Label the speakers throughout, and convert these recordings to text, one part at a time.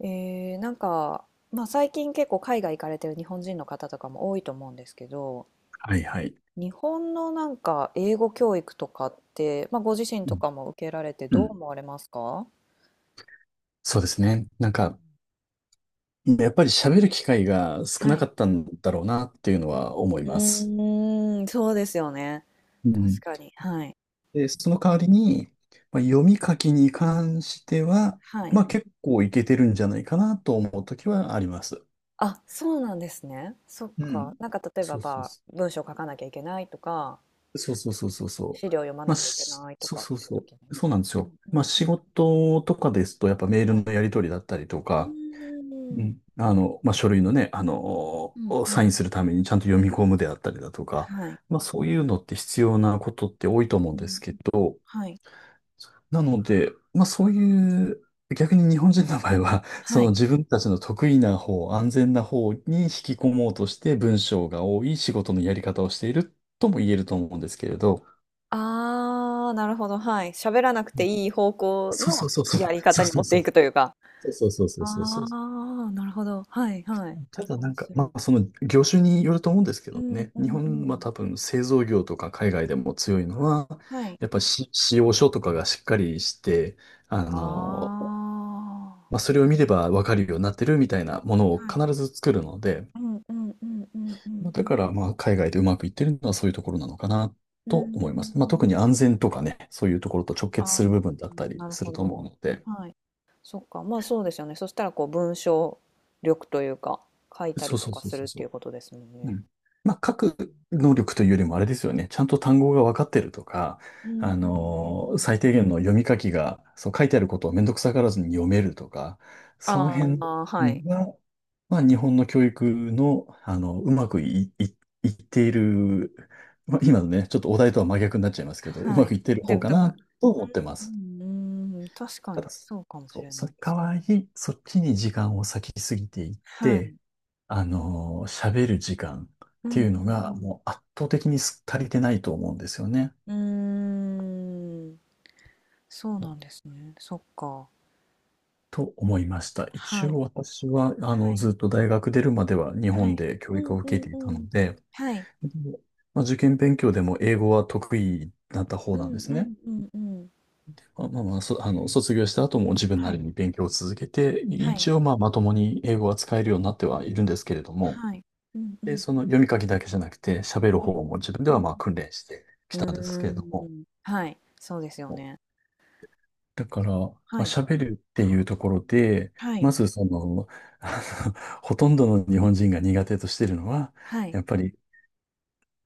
Speaker 1: えー、なんか、最近結構海外行かれてる日本人の方とかも多いと思うんですけど、
Speaker 2: はいはい。
Speaker 1: 日本の英語教育とかって、ご自身
Speaker 2: う
Speaker 1: と
Speaker 2: ん
Speaker 1: かも受けられて
Speaker 2: う
Speaker 1: どう
Speaker 2: ん。
Speaker 1: 思われますか？
Speaker 2: そうですね。なんか、やっぱり喋る機会が少
Speaker 1: は
Speaker 2: なか
Speaker 1: い。
Speaker 2: ったんだろうなっていうのは思い
Speaker 1: う
Speaker 2: ます。
Speaker 1: ーん、そうですよね。
Speaker 2: う
Speaker 1: 確
Speaker 2: ん。
Speaker 1: かに。はい。
Speaker 2: で、その代わりに、まあ、読み書きに関しては、
Speaker 1: はい。
Speaker 2: まあ結構いけてるんじゃないかなと思うときはあります。
Speaker 1: あ、そうなんですね。そっ
Speaker 2: う
Speaker 1: か。
Speaker 2: ん。
Speaker 1: なんか例え
Speaker 2: そ
Speaker 1: ば、
Speaker 2: うそうそ
Speaker 1: 文章書かなきゃいけないとか、
Speaker 2: う。そうそうそうそうそ
Speaker 1: 資
Speaker 2: う。
Speaker 1: 料読ま
Speaker 2: ま
Speaker 1: な
Speaker 2: あ、
Speaker 1: きゃいけないと
Speaker 2: そう
Speaker 1: かっ
Speaker 2: そう
Speaker 1: ていう
Speaker 2: そ
Speaker 1: 時に。
Speaker 2: う。そうなんです
Speaker 1: う
Speaker 2: よ。
Speaker 1: んう
Speaker 2: まあ
Speaker 1: んう
Speaker 2: 仕
Speaker 1: ん。
Speaker 2: 事とかですと、やっぱメール
Speaker 1: はい。
Speaker 2: のやり取りだったりと
Speaker 1: う
Speaker 2: か、
Speaker 1: ー
Speaker 2: うん。
Speaker 1: ん。
Speaker 2: あの、まあ、書類のね、あの、
Speaker 1: うんう
Speaker 2: サイ
Speaker 1: ん。
Speaker 2: ンするためにちゃんと読み込むであったりだとか、
Speaker 1: はい。
Speaker 2: まあ、そういうのって必要なことって多いと思う
Speaker 1: う
Speaker 2: んです
Speaker 1: ん、
Speaker 2: けど、
Speaker 1: はい。
Speaker 2: なので、まあ、そういう、逆に日本人の場合は、そ
Speaker 1: は
Speaker 2: の
Speaker 1: い。
Speaker 2: 自分たちの得意な方、安全な方に引き込もうとして文章が多い仕事のやり方をしているとも言えると思うんですけれど、
Speaker 1: ああ、なるほど、はい。喋らなくていい方向
Speaker 2: そうそ
Speaker 1: の
Speaker 2: うそうそう、
Speaker 1: やり
Speaker 2: そ
Speaker 1: 方
Speaker 2: う
Speaker 1: に
Speaker 2: そ
Speaker 1: 持
Speaker 2: う
Speaker 1: っ
Speaker 2: そ
Speaker 1: て
Speaker 2: う、
Speaker 1: いくというか。
Speaker 2: そうそうそうそうそう
Speaker 1: あ
Speaker 2: そう。
Speaker 1: あ、なるほど。はいはい。
Speaker 2: ただな
Speaker 1: 面
Speaker 2: んか、
Speaker 1: 白
Speaker 2: まあ、
Speaker 1: い。
Speaker 2: その業種によると思うんですけ
Speaker 1: う
Speaker 2: ど
Speaker 1: ん
Speaker 2: ね、
Speaker 1: う
Speaker 2: 日
Speaker 1: んう
Speaker 2: 本は
Speaker 1: ん。
Speaker 2: 多分製造業とか海外でも強いのは、
Speaker 1: はい。
Speaker 2: やっぱし仕様書とかがしっかりして、あの、
Speaker 1: ああ。
Speaker 2: まあ、それを見ればわかるようになってるみたいなものを
Speaker 1: はい。
Speaker 2: 必ず作るので、
Speaker 1: うんうんうんうんう
Speaker 2: ま
Speaker 1: ん
Speaker 2: あ、
Speaker 1: う
Speaker 2: だ
Speaker 1: ん。
Speaker 2: からまあ海外でうまくいってるのはそういうところなのかな
Speaker 1: うーん。
Speaker 2: と思います。まあ、特に安全とかね、そういうところと直
Speaker 1: あ
Speaker 2: 結す
Speaker 1: あ、
Speaker 2: る部分だったり
Speaker 1: なる
Speaker 2: す
Speaker 1: ほ
Speaker 2: ると
Speaker 1: ど。
Speaker 2: 思うので、
Speaker 1: はい。そっか、まあそうですよね。そしたらこう文章力というか、書いたり
Speaker 2: そう
Speaker 1: と
Speaker 2: そう
Speaker 1: か
Speaker 2: そう
Speaker 1: するって
Speaker 2: そ
Speaker 1: い
Speaker 2: う、
Speaker 1: うことですもんね。
Speaker 2: うん。まあ、書く能力というよりもあれですよね。ちゃんと単語が分かってるとか、
Speaker 1: うんうんうんうん。
Speaker 2: 最低限の読み書きが、そう書いてあることをめんどくさがらずに読めるとか、その
Speaker 1: あ
Speaker 2: 辺、
Speaker 1: あ、
Speaker 2: う
Speaker 1: はい。
Speaker 2: ん、が、まあ、日本の教育の、あの、うまくい、い、いっている、まあ、今のね、ちょっとお題とは真逆になっちゃいますけど、う
Speaker 1: は
Speaker 2: ま
Speaker 1: い。
Speaker 2: くいってる
Speaker 1: で
Speaker 2: 方
Speaker 1: も、
Speaker 2: か
Speaker 1: だから
Speaker 2: なと思ってま
Speaker 1: う
Speaker 2: す。
Speaker 1: ん、うーん、確か
Speaker 2: た
Speaker 1: に
Speaker 2: だ、そ
Speaker 1: そうかもし
Speaker 2: う、
Speaker 1: れ
Speaker 2: そ
Speaker 1: な
Speaker 2: の
Speaker 1: いで
Speaker 2: 代
Speaker 1: すね。
Speaker 2: わり、そっちに時間を割きすぎていっ
Speaker 1: は
Speaker 2: て、
Speaker 1: い。
Speaker 2: 喋る時間っ
Speaker 1: う
Speaker 2: て
Speaker 1: んう
Speaker 2: いうの
Speaker 1: んう
Speaker 2: が
Speaker 1: ん。
Speaker 2: もう圧倒的に足りてないと思うんですよね。
Speaker 1: うーん、そうなんですね。そっか。
Speaker 2: と思いました。一
Speaker 1: はい。
Speaker 2: 応私は、あの、
Speaker 1: はい。
Speaker 2: ずっと大学出るまでは日
Speaker 1: は
Speaker 2: 本
Speaker 1: い。
Speaker 2: で教
Speaker 1: う
Speaker 2: 育
Speaker 1: ん
Speaker 2: を
Speaker 1: う
Speaker 2: 受
Speaker 1: ん
Speaker 2: けていた
Speaker 1: う
Speaker 2: の
Speaker 1: ん。
Speaker 2: で、
Speaker 1: はい。
Speaker 2: でまあ、受験勉強でも英語は得意だった方
Speaker 1: う
Speaker 2: なん
Speaker 1: ん
Speaker 2: です
Speaker 1: う
Speaker 2: ね。
Speaker 1: んうんうん。
Speaker 2: まあまあ、まあそ、あの、卒業した後も自分な
Speaker 1: は
Speaker 2: り
Speaker 1: い。
Speaker 2: に勉強を続けて、
Speaker 1: はい。
Speaker 2: 一応まあまともに英語は使えるようになってはいるんですけれども、
Speaker 1: はい。うんうんう
Speaker 2: で、
Speaker 1: ん。
Speaker 2: その読み書きだけじゃなくて喋る
Speaker 1: はい。
Speaker 2: 方も自分で
Speaker 1: う
Speaker 2: は
Speaker 1: ん。
Speaker 2: まあ訓練してき
Speaker 1: う
Speaker 2: たんですけ
Speaker 1: ー
Speaker 2: れども、
Speaker 1: ん。はい。そうですよね。
Speaker 2: だから、まあ、
Speaker 1: はい。
Speaker 2: 喋るっていうところで、
Speaker 1: はい。
Speaker 2: まずその、あの、ほとんどの日本人が苦手としてるのは、
Speaker 1: はい。
Speaker 2: やっぱり、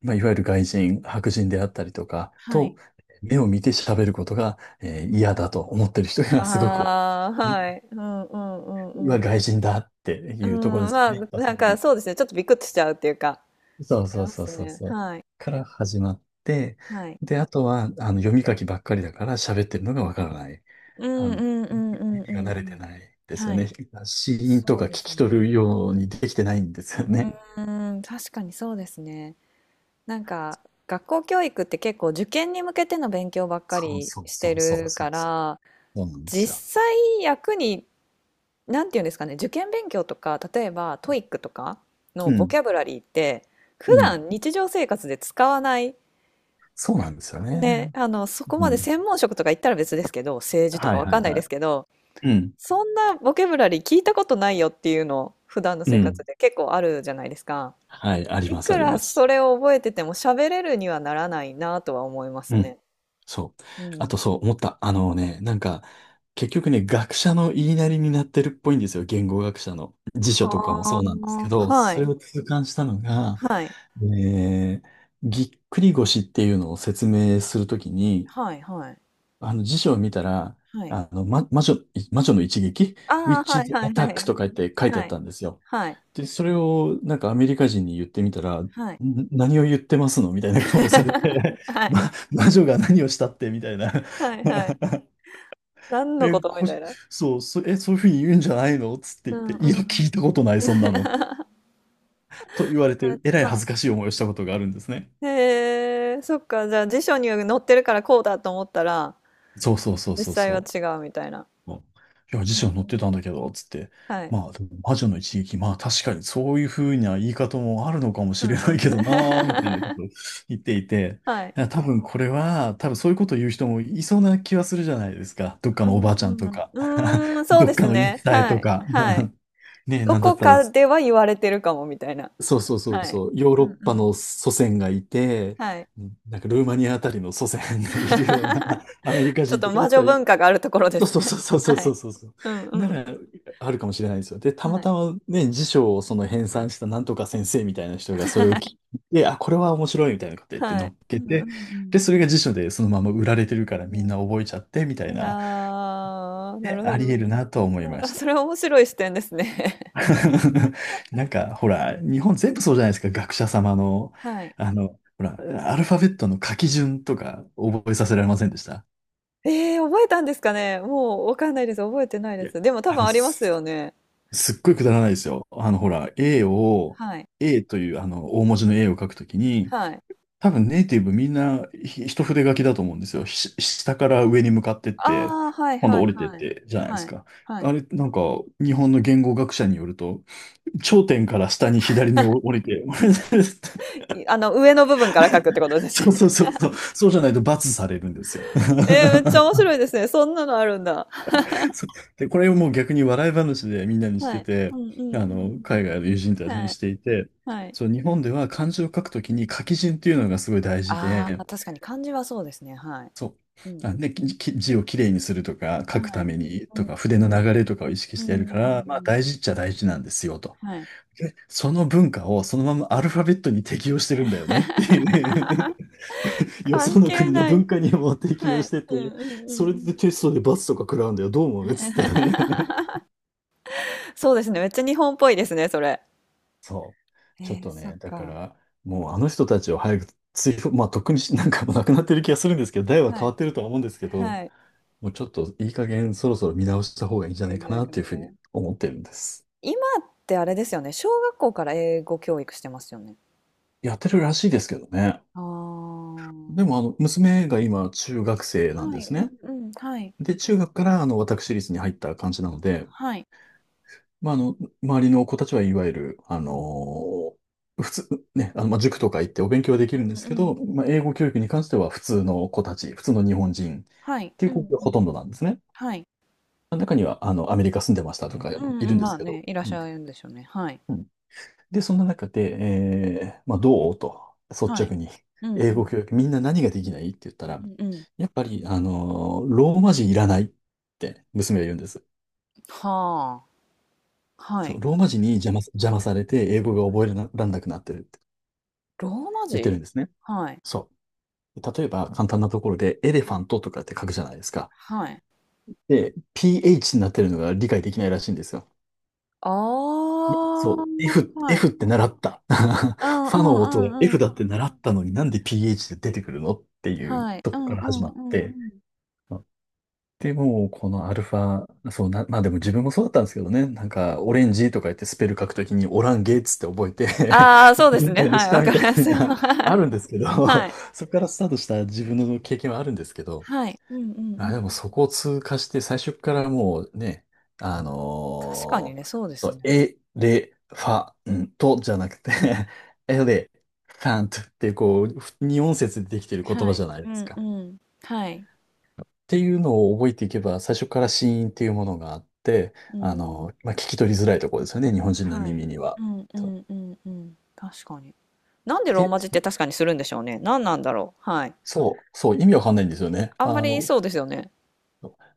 Speaker 2: まあ、いわゆる外人、白人であったりとか
Speaker 1: は
Speaker 2: と、
Speaker 1: い。
Speaker 2: 目を見て喋ることが、嫌だと思ってる人がすごく多
Speaker 1: ああ、
Speaker 2: い、ね、
Speaker 1: はい。うんうんう
Speaker 2: う
Speaker 1: ん
Speaker 2: わ、
Speaker 1: うん。
Speaker 2: 外人だって
Speaker 1: う
Speaker 2: いうところで
Speaker 1: ん、
Speaker 2: すね。一発目の。
Speaker 1: そうですね、ちょっとビクっとしちゃうっていうか、
Speaker 2: そ
Speaker 1: あ
Speaker 2: う
Speaker 1: り
Speaker 2: そう
Speaker 1: ま
Speaker 2: そう
Speaker 1: す
Speaker 2: そう
Speaker 1: ね。
Speaker 2: そう。
Speaker 1: はい。
Speaker 2: から始まって、
Speaker 1: はい。
Speaker 2: で、あとは、あの、読み書きばっかりだから喋ってるのがわからない。
Speaker 1: う
Speaker 2: あ
Speaker 1: んう
Speaker 2: の
Speaker 1: んうんうんう
Speaker 2: 耳が
Speaker 1: んう
Speaker 2: 慣れて
Speaker 1: ん。
Speaker 2: ないです
Speaker 1: は
Speaker 2: よね。
Speaker 1: い。
Speaker 2: 死因と
Speaker 1: そう
Speaker 2: か聞
Speaker 1: です
Speaker 2: き取る
Speaker 1: ね。
Speaker 2: ようにできてないんですよ
Speaker 1: う
Speaker 2: ね。
Speaker 1: ーん、確かにそうですね。なんか、学校教育って結構受験に向けての勉強ばっか
Speaker 2: そう
Speaker 1: り
Speaker 2: そう
Speaker 1: し
Speaker 2: そ
Speaker 1: て
Speaker 2: うそう
Speaker 1: る
Speaker 2: そう
Speaker 1: か
Speaker 2: そう。
Speaker 1: ら、
Speaker 2: そうなんですよ。
Speaker 1: 実際役になんていうんですかね、受験勉強とか、例えばトイックとかの
Speaker 2: う
Speaker 1: ボ
Speaker 2: ん。
Speaker 1: キャブラリーって、普
Speaker 2: うん。
Speaker 1: 段日常生活で使わない、
Speaker 2: そうなんですよね。
Speaker 1: そこ
Speaker 2: う
Speaker 1: まで
Speaker 2: ん。
Speaker 1: 専門職とか言ったら別ですけど、政治と
Speaker 2: は
Speaker 1: か
Speaker 2: い
Speaker 1: わ
Speaker 2: はい
Speaker 1: かんない
Speaker 2: は
Speaker 1: で
Speaker 2: い。
Speaker 1: すけど、
Speaker 2: うん。
Speaker 1: そんなボキャブラリー聞いたことないよっていうの、普段の
Speaker 2: う
Speaker 1: 生活
Speaker 2: ん。
Speaker 1: で結構あるじゃないですか。
Speaker 2: はい。あり
Speaker 1: い
Speaker 2: ます
Speaker 1: く
Speaker 2: あり
Speaker 1: ら
Speaker 2: ま
Speaker 1: そ
Speaker 2: す。
Speaker 1: れを覚えてても喋れるにはならないなとは思います
Speaker 2: うん。
Speaker 1: ね。
Speaker 2: そう。
Speaker 1: う
Speaker 2: あ
Speaker 1: ん。
Speaker 2: とそう思った。あのね、なんか、結局ね、学者の言いなりになってるっぽいんですよ。言語学者の。辞書とかもそ
Speaker 1: は
Speaker 2: うなんですけ
Speaker 1: あ、
Speaker 2: ど、
Speaker 1: は
Speaker 2: それ
Speaker 1: い、
Speaker 2: を痛感したのが、
Speaker 1: はい、
Speaker 2: えーぎっくり腰っていうのを説明するときに、
Speaker 1: はい、はい、
Speaker 2: あの辞書を見たら、
Speaker 1: はい。
Speaker 2: あの、魔女の一撃
Speaker 1: ああ、
Speaker 2: ?Witch's
Speaker 1: はいはいは
Speaker 2: Attack
Speaker 1: い。
Speaker 2: とか言って 書いてあ
Speaker 1: は
Speaker 2: っ
Speaker 1: い。
Speaker 2: たんですよ。
Speaker 1: はい。
Speaker 2: で、それをなんかアメリカ人に言ってみたら、
Speaker 1: はい。
Speaker 2: 何を言ってますのみたいな顔を されて、
Speaker 1: は い。
Speaker 2: 魔女が何をしたってみたいな。
Speaker 1: はいはい。何の
Speaker 2: え、
Speaker 1: ことみ
Speaker 2: こ、
Speaker 1: たいな。
Speaker 2: そう、そ、え、そういうふうに言うんじゃないのつって言
Speaker 1: う
Speaker 2: っ
Speaker 1: ん
Speaker 2: て、いや、
Speaker 1: う
Speaker 2: 聞
Speaker 1: ん。
Speaker 2: いたことない、そんなの。と言われて、えらい恥
Speaker 1: は
Speaker 2: ずかしい思いをしたことがあるんですね。
Speaker 1: い。へえ、そっか。じゃあ辞書に載ってるからこうだと思ったら、
Speaker 2: そうそうそう
Speaker 1: 実
Speaker 2: そう
Speaker 1: 際
Speaker 2: そ
Speaker 1: は違
Speaker 2: う。
Speaker 1: うみたいな。
Speaker 2: うん。いや、辞
Speaker 1: う
Speaker 2: 書に載っ
Speaker 1: ん
Speaker 2: てたんだけど、つって。
Speaker 1: はい。
Speaker 2: まあ、でも魔女の一撃、まあ確かにそういうふうな言い方もあるのかも
Speaker 1: う
Speaker 2: しれな
Speaker 1: ん。
Speaker 2: いけどなーみたいなこ とを 言っていて、
Speaker 1: はい。
Speaker 2: いや多分これは、多分そういうことを言う人もいそうな気はするじゃないですか。どっか
Speaker 1: う
Speaker 2: のおばあちゃん
Speaker 1: ん
Speaker 2: と
Speaker 1: うん。
Speaker 2: か、
Speaker 1: うーん、そう
Speaker 2: ど
Speaker 1: で
Speaker 2: っか
Speaker 1: す
Speaker 2: の言い伝
Speaker 1: ね。
Speaker 2: え
Speaker 1: は
Speaker 2: と
Speaker 1: い。
Speaker 2: か。
Speaker 1: はい。
Speaker 2: ねえ、
Speaker 1: ど
Speaker 2: なんだっ
Speaker 1: こ
Speaker 2: たら、
Speaker 1: かでは言われてるかもみたいな。
Speaker 2: そうそうそう
Speaker 1: はい。
Speaker 2: そう、ヨー
Speaker 1: う
Speaker 2: ロ
Speaker 1: ん
Speaker 2: ッ
Speaker 1: う
Speaker 2: パ
Speaker 1: ん。
Speaker 2: の祖先がいて、
Speaker 1: はい。
Speaker 2: なんかルーマニアあたりの祖先がいるような、アメリカ
Speaker 1: ちょっ
Speaker 2: 人
Speaker 1: と
Speaker 2: とか
Speaker 1: 魔
Speaker 2: だっ
Speaker 1: 女
Speaker 2: たら、
Speaker 1: 文化があるところで
Speaker 2: そう
Speaker 1: す
Speaker 2: そう
Speaker 1: ね。
Speaker 2: そう そ
Speaker 1: は
Speaker 2: うそ
Speaker 1: い。
Speaker 2: うそうそう。
Speaker 1: う
Speaker 2: な
Speaker 1: ん
Speaker 2: ら、あるかもしれないですよ。で、
Speaker 1: う
Speaker 2: た
Speaker 1: ん
Speaker 2: ま
Speaker 1: はいは
Speaker 2: た
Speaker 1: い。
Speaker 2: まね、辞書をその編纂したなんとか先生みたいな人がそれを聞い て、あ、これは面白いみたいなこと言って
Speaker 1: は
Speaker 2: 乗
Speaker 1: い。
Speaker 2: っ
Speaker 1: う
Speaker 2: け
Speaker 1: んうんう
Speaker 2: て、
Speaker 1: ん。
Speaker 2: で、それが辞書でそのまま売られてるか
Speaker 1: で
Speaker 2: ら
Speaker 1: も
Speaker 2: みん
Speaker 1: ね
Speaker 2: な覚えちゃってみたいな、
Speaker 1: ああー、な
Speaker 2: で、
Speaker 1: るほ
Speaker 2: あり
Speaker 1: ど。
Speaker 2: 得るなとは思いま
Speaker 1: あ、
Speaker 2: した。
Speaker 1: それは面白い視点ですね。
Speaker 2: なんか、ほら、日本全部そうじゃないですか、学者様 の、
Speaker 1: はい。
Speaker 2: あの、ほら、アルファベットの書き順とか覚えさせられませんでした？
Speaker 1: ええ、覚えたんですかね？もうわかんないです。覚えてない
Speaker 2: い
Speaker 1: で
Speaker 2: や、
Speaker 1: す。でも多
Speaker 2: あ
Speaker 1: 分
Speaker 2: の、
Speaker 1: ありますよね。
Speaker 2: すっごいくだらないですよ。あの、ほら、A を、
Speaker 1: はい。
Speaker 2: A というあの、大文字の A を書くときに、
Speaker 1: はい。
Speaker 2: 多分ネイティブみんな一筆書きだと思うんですよ。下から上に向かってって、
Speaker 1: ああ、はい
Speaker 2: 今
Speaker 1: は
Speaker 2: 度
Speaker 1: い
Speaker 2: 降りてっ
Speaker 1: はい。
Speaker 2: て、じゃないで
Speaker 1: は
Speaker 2: す
Speaker 1: い。
Speaker 2: か。
Speaker 1: は
Speaker 2: あ
Speaker 1: い。
Speaker 2: れ、なんか、日本の言語学者によると、頂点から下に左に降りて、
Speaker 1: い上の部分から書くってことです
Speaker 2: そう
Speaker 1: ね。
Speaker 2: そうそうそう、そうじゃないと罰されるんですよ。
Speaker 1: ええ、めっちゃ面 白いですね。そんなのあるんだ。
Speaker 2: そう。で、これをもう逆に笑い話でみんなにし
Speaker 1: は
Speaker 2: て
Speaker 1: い。う
Speaker 2: て、
Speaker 1: んうん
Speaker 2: あ
Speaker 1: う
Speaker 2: の、
Speaker 1: ん
Speaker 2: 海外の友人た
Speaker 1: うん。
Speaker 2: ちに
Speaker 1: はい。
Speaker 2: していて、
Speaker 1: はい。
Speaker 2: そう、日本では漢字を書くときに書き順っていうのがすごい大事
Speaker 1: あ
Speaker 2: で、
Speaker 1: あ、確かに漢字はそうですね、はい。
Speaker 2: そう、
Speaker 1: うん、
Speaker 2: あ、で、字をきれいにするとか、
Speaker 1: う
Speaker 2: 書
Speaker 1: ん、
Speaker 2: く
Speaker 1: は
Speaker 2: た
Speaker 1: い。
Speaker 2: めに
Speaker 1: う
Speaker 2: とか、筆
Speaker 1: ん、
Speaker 2: の流れとかを意識
Speaker 1: う
Speaker 2: してやるから、まあ
Speaker 1: ん、
Speaker 2: 大事っちゃ大事なんですよと。
Speaker 1: はい。
Speaker 2: で、その文化をそのままアルファベットに適用してるんだよねっていう よ
Speaker 1: 関
Speaker 2: その
Speaker 1: 係
Speaker 2: 国の
Speaker 1: ない。
Speaker 2: 文化にも適
Speaker 1: は
Speaker 2: 用し
Speaker 1: い。
Speaker 2: て
Speaker 1: うんうん
Speaker 2: て、
Speaker 1: うんう
Speaker 2: それで
Speaker 1: ん。
Speaker 2: テストで罰とか食らうんだよ、どう思うっつって。
Speaker 1: そうですね、めっちゃ日本っぽいですね、それ。
Speaker 2: そう。
Speaker 1: え
Speaker 2: ちょっ
Speaker 1: え、
Speaker 2: と
Speaker 1: そっ
Speaker 2: ね、だか
Speaker 1: か。
Speaker 2: ら、もうあの人たちを早く追放、まあ、とっくになんかもうなくなってる気がするんですけど、代は
Speaker 1: は
Speaker 2: 変
Speaker 1: い、
Speaker 2: わってるとは思うんですけど、
Speaker 1: はい。
Speaker 2: もうちょっといい加減そろそろ見直した方がいいんじゃ
Speaker 1: え
Speaker 2: な
Speaker 1: え、
Speaker 2: いか
Speaker 1: じゃあ、
Speaker 2: なって
Speaker 1: 関
Speaker 2: いうふう
Speaker 1: 係
Speaker 2: に思ってるんです。
Speaker 1: 今ってあれですよね、小学校から英語教育してますよね。
Speaker 2: やってるらしいですけどね。
Speaker 1: ああ、
Speaker 2: でも、あの、娘が今、中学生なん
Speaker 1: は
Speaker 2: で
Speaker 1: い、
Speaker 2: す
Speaker 1: うん
Speaker 2: ね。
Speaker 1: うん、はい、
Speaker 2: で、中学から、私立に入った感じなので、
Speaker 1: はい。
Speaker 2: まあ、あの、周りの子たちはいわゆる、ー普通、ね、まあ、塾とか行ってお勉強はでき
Speaker 1: う
Speaker 2: るんで
Speaker 1: ん
Speaker 2: す
Speaker 1: うん
Speaker 2: け
Speaker 1: う
Speaker 2: ど、
Speaker 1: ん。
Speaker 2: まあ、英語教育に関しては普通の日本人っ
Speaker 1: はい、
Speaker 2: てい
Speaker 1: う
Speaker 2: う子
Speaker 1: んう
Speaker 2: がほ
Speaker 1: ん。
Speaker 2: とんどなんですね。
Speaker 1: はい。
Speaker 2: 中には、アメリカ住んでましたとか
Speaker 1: うん
Speaker 2: い
Speaker 1: う
Speaker 2: るん
Speaker 1: ん、
Speaker 2: で
Speaker 1: ま
Speaker 2: す
Speaker 1: あ
Speaker 2: けど。
Speaker 1: ね、いらっ
Speaker 2: う
Speaker 1: し
Speaker 2: ん。
Speaker 1: ゃるんでしょうね。はい。
Speaker 2: うん。で、そんな中で、えー、まあ、どうと、率
Speaker 1: はい。
Speaker 2: 直に、
Speaker 1: うん
Speaker 2: 英
Speaker 1: う
Speaker 2: 語
Speaker 1: ん。
Speaker 2: 教育、みんな何ができないって言った
Speaker 1: う
Speaker 2: ら、
Speaker 1: んうん。
Speaker 2: やっぱり、ローマ字いらないって娘が言うんです。
Speaker 1: はあ。は
Speaker 2: そう、
Speaker 1: い。
Speaker 2: ローマ字に邪魔されて英語が覚えられなくなってるって
Speaker 1: ローマ
Speaker 2: 言ってるん
Speaker 1: 字
Speaker 2: ですね。
Speaker 1: はい。
Speaker 2: そう。例えば、簡単なところで、エレフ
Speaker 1: は
Speaker 2: ァ
Speaker 1: い。
Speaker 2: ントとかって書くじゃないですか。
Speaker 1: はい。
Speaker 2: で、PH になってるのが理解できないらしいんですよ。
Speaker 1: あ
Speaker 2: ねそう。
Speaker 1: あ、はい。
Speaker 2: F って習った。
Speaker 1: うんう
Speaker 2: ファ
Speaker 1: ん
Speaker 2: の音は
Speaker 1: うんう
Speaker 2: F
Speaker 1: ん。
Speaker 2: だって習ったのになんで PH で出てくるのっていう
Speaker 1: はい。
Speaker 2: と
Speaker 1: う
Speaker 2: こ
Speaker 1: ん
Speaker 2: から
Speaker 1: う
Speaker 2: 始
Speaker 1: ん
Speaker 2: まっ
Speaker 1: うんう
Speaker 2: て、
Speaker 1: ん。
Speaker 2: まあで、もうこのアルファ、そうな、まあでも自分もそうだったんですけどね、なんかオレンジとか言ってスペル書くときにオランゲーツって覚えて
Speaker 1: ああ、そう で
Speaker 2: 間
Speaker 1: す
Speaker 2: 違え
Speaker 1: ね。
Speaker 2: ないで
Speaker 1: は
Speaker 2: し
Speaker 1: い。
Speaker 2: た
Speaker 1: わか
Speaker 2: み
Speaker 1: り
Speaker 2: た
Speaker 1: ま
Speaker 2: い
Speaker 1: すよ。
Speaker 2: な、
Speaker 1: は
Speaker 2: あ
Speaker 1: い。
Speaker 2: るんですけど、
Speaker 1: はい。
Speaker 2: そこからスタートした自分の経験はあるんですけど、
Speaker 1: はい。うんうんう
Speaker 2: あ、で
Speaker 1: ん。
Speaker 2: もそこを通過して最初からもうね、あの
Speaker 1: 確かに
Speaker 2: ー
Speaker 1: ね、そうで
Speaker 2: そ
Speaker 1: す
Speaker 2: う、
Speaker 1: ね。
Speaker 2: エレファントじゃなくて エレファントってこう、二音節でできてる言
Speaker 1: は
Speaker 2: 葉じ
Speaker 1: い。
Speaker 2: ゃない
Speaker 1: う
Speaker 2: です
Speaker 1: んう
Speaker 2: か。
Speaker 1: ん。はい。
Speaker 2: っていうのを覚えていけば、最初から子音っていうものがあって、
Speaker 1: うん。
Speaker 2: まあ、聞き取りづらいところですよね、日本人の
Speaker 1: はい。
Speaker 2: 耳には。
Speaker 1: うんう
Speaker 2: と
Speaker 1: んうんうん。確かにね。なんでロー
Speaker 2: で、
Speaker 1: マ字って確かにするんでしょうね。何なんだろう。はい。
Speaker 2: そう、意味わかんないんですよね。
Speaker 1: あんまりそうですよね。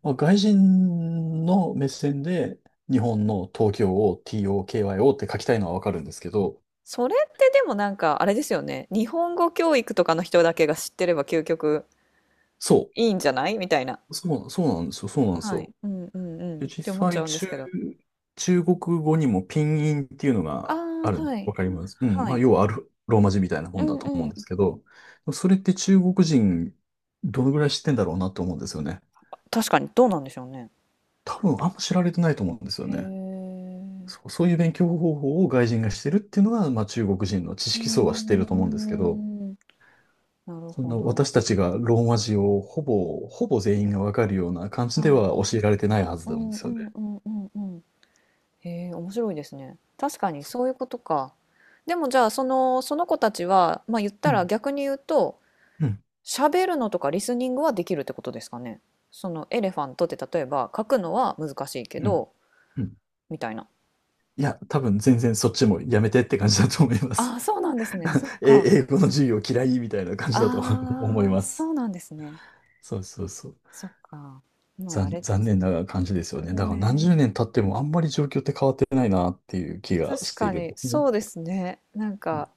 Speaker 2: まあ、外人の目線で日本の東京を TOKYO って書きたいのはわかるんですけど、
Speaker 1: それってでもなんかあれですよね。日本語教育とかの人だけが知ってれば究極
Speaker 2: そ
Speaker 1: いいんじゃないみたいな。
Speaker 2: そうなんですよ、そうなんです
Speaker 1: は
Speaker 2: よ。
Speaker 1: い。うんうんう
Speaker 2: で、
Speaker 1: ん。っ
Speaker 2: 実
Speaker 1: て思っちゃ
Speaker 2: 際、
Speaker 1: うんですけど。
Speaker 2: 中国語にもピンインっていうの
Speaker 1: あ
Speaker 2: があ
Speaker 1: あ、
Speaker 2: るの。
Speaker 1: はい。
Speaker 2: わかります。うん。
Speaker 1: は
Speaker 2: まあ、
Speaker 1: い。
Speaker 2: 要はローマ字みたいなも
Speaker 1: う
Speaker 2: んだ
Speaker 1: ん
Speaker 2: と思う
Speaker 1: う
Speaker 2: んです
Speaker 1: ん。
Speaker 2: けど、それって中国人、どのぐらい知ってんだろうなと思うんですよね。
Speaker 1: 確かにどうなんでしょうね。
Speaker 2: 多分、あんま知られてないと思うんですよ
Speaker 1: へ
Speaker 2: ね。
Speaker 1: え。
Speaker 2: そう、そういう勉強方法を外人がしてるっていうのは、まあ、中国人の知
Speaker 1: うー
Speaker 2: 識層は知ってると思うんですけど、
Speaker 1: ん。なる
Speaker 2: そん
Speaker 1: ほ
Speaker 2: な
Speaker 1: ど。
Speaker 2: 私たちがローマ字をほぼ全員がわかるような感じで
Speaker 1: はい。
Speaker 2: は教えられてないは
Speaker 1: う
Speaker 2: ずなんで
Speaker 1: ん
Speaker 2: す
Speaker 1: う
Speaker 2: よ
Speaker 1: ん
Speaker 2: ね。
Speaker 1: うんうんうん。へえ、面白いですね。確かにそういうことか。でもじゃあその、その子たちは、まあ言っ
Speaker 2: う
Speaker 1: たら
Speaker 2: ん。
Speaker 1: 逆に言うと、
Speaker 2: うん。
Speaker 1: 喋るのとかリスニングはできるってことですかね。そのエレファントって例えば書くのは難しいけ
Speaker 2: うん。
Speaker 1: ど、
Speaker 2: うん。
Speaker 1: みたいな。
Speaker 2: いや、多分全然そっちもやめてって感じだと思いま
Speaker 1: あ
Speaker 2: す。
Speaker 1: あ、そうなんですね。そっ
Speaker 2: え、
Speaker 1: か。
Speaker 2: 英語の授業嫌いみたいな感じだと 思い
Speaker 1: ああ、
Speaker 2: ます。
Speaker 1: そうなんですね。
Speaker 2: そうそうそう。
Speaker 1: そっか。まああれで
Speaker 2: 残
Speaker 1: す
Speaker 2: 念
Speaker 1: ね。
Speaker 2: な感じですよね。だから何
Speaker 1: ね。
Speaker 2: 十年経ってもあんまり状況って変わってないなっていう気が
Speaker 1: 確
Speaker 2: して
Speaker 1: か
Speaker 2: いるん
Speaker 1: に、
Speaker 2: ですね。
Speaker 1: そうですね。なん
Speaker 2: うん。
Speaker 1: か、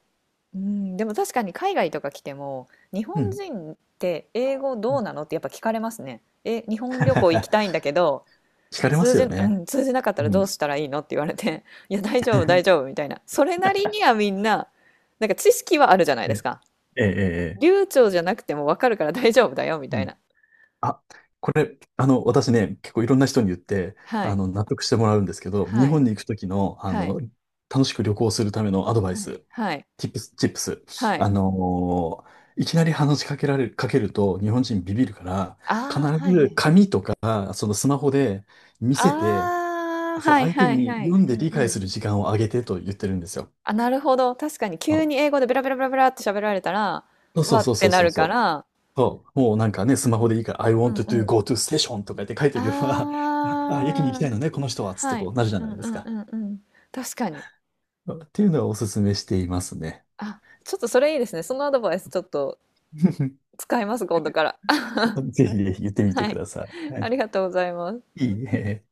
Speaker 1: うん、でも確かに海外とか来ても日
Speaker 2: う
Speaker 1: 本
Speaker 2: ん。
Speaker 1: 人って英語どうなのってやっぱ聞かれますね。え、日本旅行行きたいん だけど
Speaker 2: 惹かれま
Speaker 1: 通
Speaker 2: す
Speaker 1: じ、
Speaker 2: よ
Speaker 1: う
Speaker 2: ね。
Speaker 1: ん、通じなかったら
Speaker 2: う
Speaker 1: どう
Speaker 2: ん。
Speaker 1: したらいいのって言われて「いや大丈夫大丈夫」みたいなそれなりにはみんななんか知識はあるじゃない
Speaker 2: え、
Speaker 1: ですか。
Speaker 2: ええ、ええ。
Speaker 1: 流暢じゃなくてもわかるから 大丈夫だよみ
Speaker 2: う
Speaker 1: たい
Speaker 2: ん。
Speaker 1: な。
Speaker 2: あ、これ、私ね、結構いろんな人に言って、
Speaker 1: はい
Speaker 2: 納得してもらうんですけど、日
Speaker 1: はい
Speaker 2: 本に行くときの、
Speaker 1: はい
Speaker 2: 楽しく旅行するためのアドバイ
Speaker 1: はい
Speaker 2: ス、
Speaker 1: はい
Speaker 2: チップ
Speaker 1: は
Speaker 2: ス。
Speaker 1: い。
Speaker 2: いきなり話しかけられる、かけると日本人ビビるから、必
Speaker 1: ああはいは
Speaker 2: ず
Speaker 1: い。
Speaker 2: 紙とか、そのスマホで見せて、
Speaker 1: ああ
Speaker 2: そう、
Speaker 1: はい
Speaker 2: 相手
Speaker 1: はい
Speaker 2: に
Speaker 1: はい。
Speaker 2: 読ん
Speaker 1: う
Speaker 2: で
Speaker 1: ん
Speaker 2: 理
Speaker 1: う
Speaker 2: 解す
Speaker 1: ん
Speaker 2: る時間をあげてと言ってるんですよ。
Speaker 1: あ、なるほど。確かに急に
Speaker 2: あ、
Speaker 1: 英語でベラベラベラベラって喋られたら、
Speaker 2: そうそ
Speaker 1: わ
Speaker 2: う
Speaker 1: っ
Speaker 2: そう
Speaker 1: て
Speaker 2: そう
Speaker 1: な
Speaker 2: そう
Speaker 1: る
Speaker 2: そ
Speaker 1: か
Speaker 2: う。
Speaker 1: ら、
Speaker 2: そう、もうなんかね、スマホでいいから、I
Speaker 1: う
Speaker 2: want
Speaker 1: んう
Speaker 2: to
Speaker 1: ん。
Speaker 2: go to station とかって書いておけば、あ、駅に行き
Speaker 1: あ
Speaker 2: た
Speaker 1: あ、
Speaker 2: いのね、この人は、つって
Speaker 1: は
Speaker 2: こ
Speaker 1: い。
Speaker 2: うなるじゃ
Speaker 1: う
Speaker 2: な
Speaker 1: ん
Speaker 2: いで
Speaker 1: う
Speaker 2: す
Speaker 1: んう
Speaker 2: か。
Speaker 1: んうん。確かに。
Speaker 2: っていうのはおすすめしていますね。
Speaker 1: あ、ちょっとそれいいですね。そのアドバイスちょっと 使います、今度から。
Speaker 2: ぜひぜひ言ってみて
Speaker 1: は
Speaker 2: く
Speaker 1: い。
Speaker 2: ださい。は
Speaker 1: あ
Speaker 2: い、
Speaker 1: りがとうございます。
Speaker 2: いいね。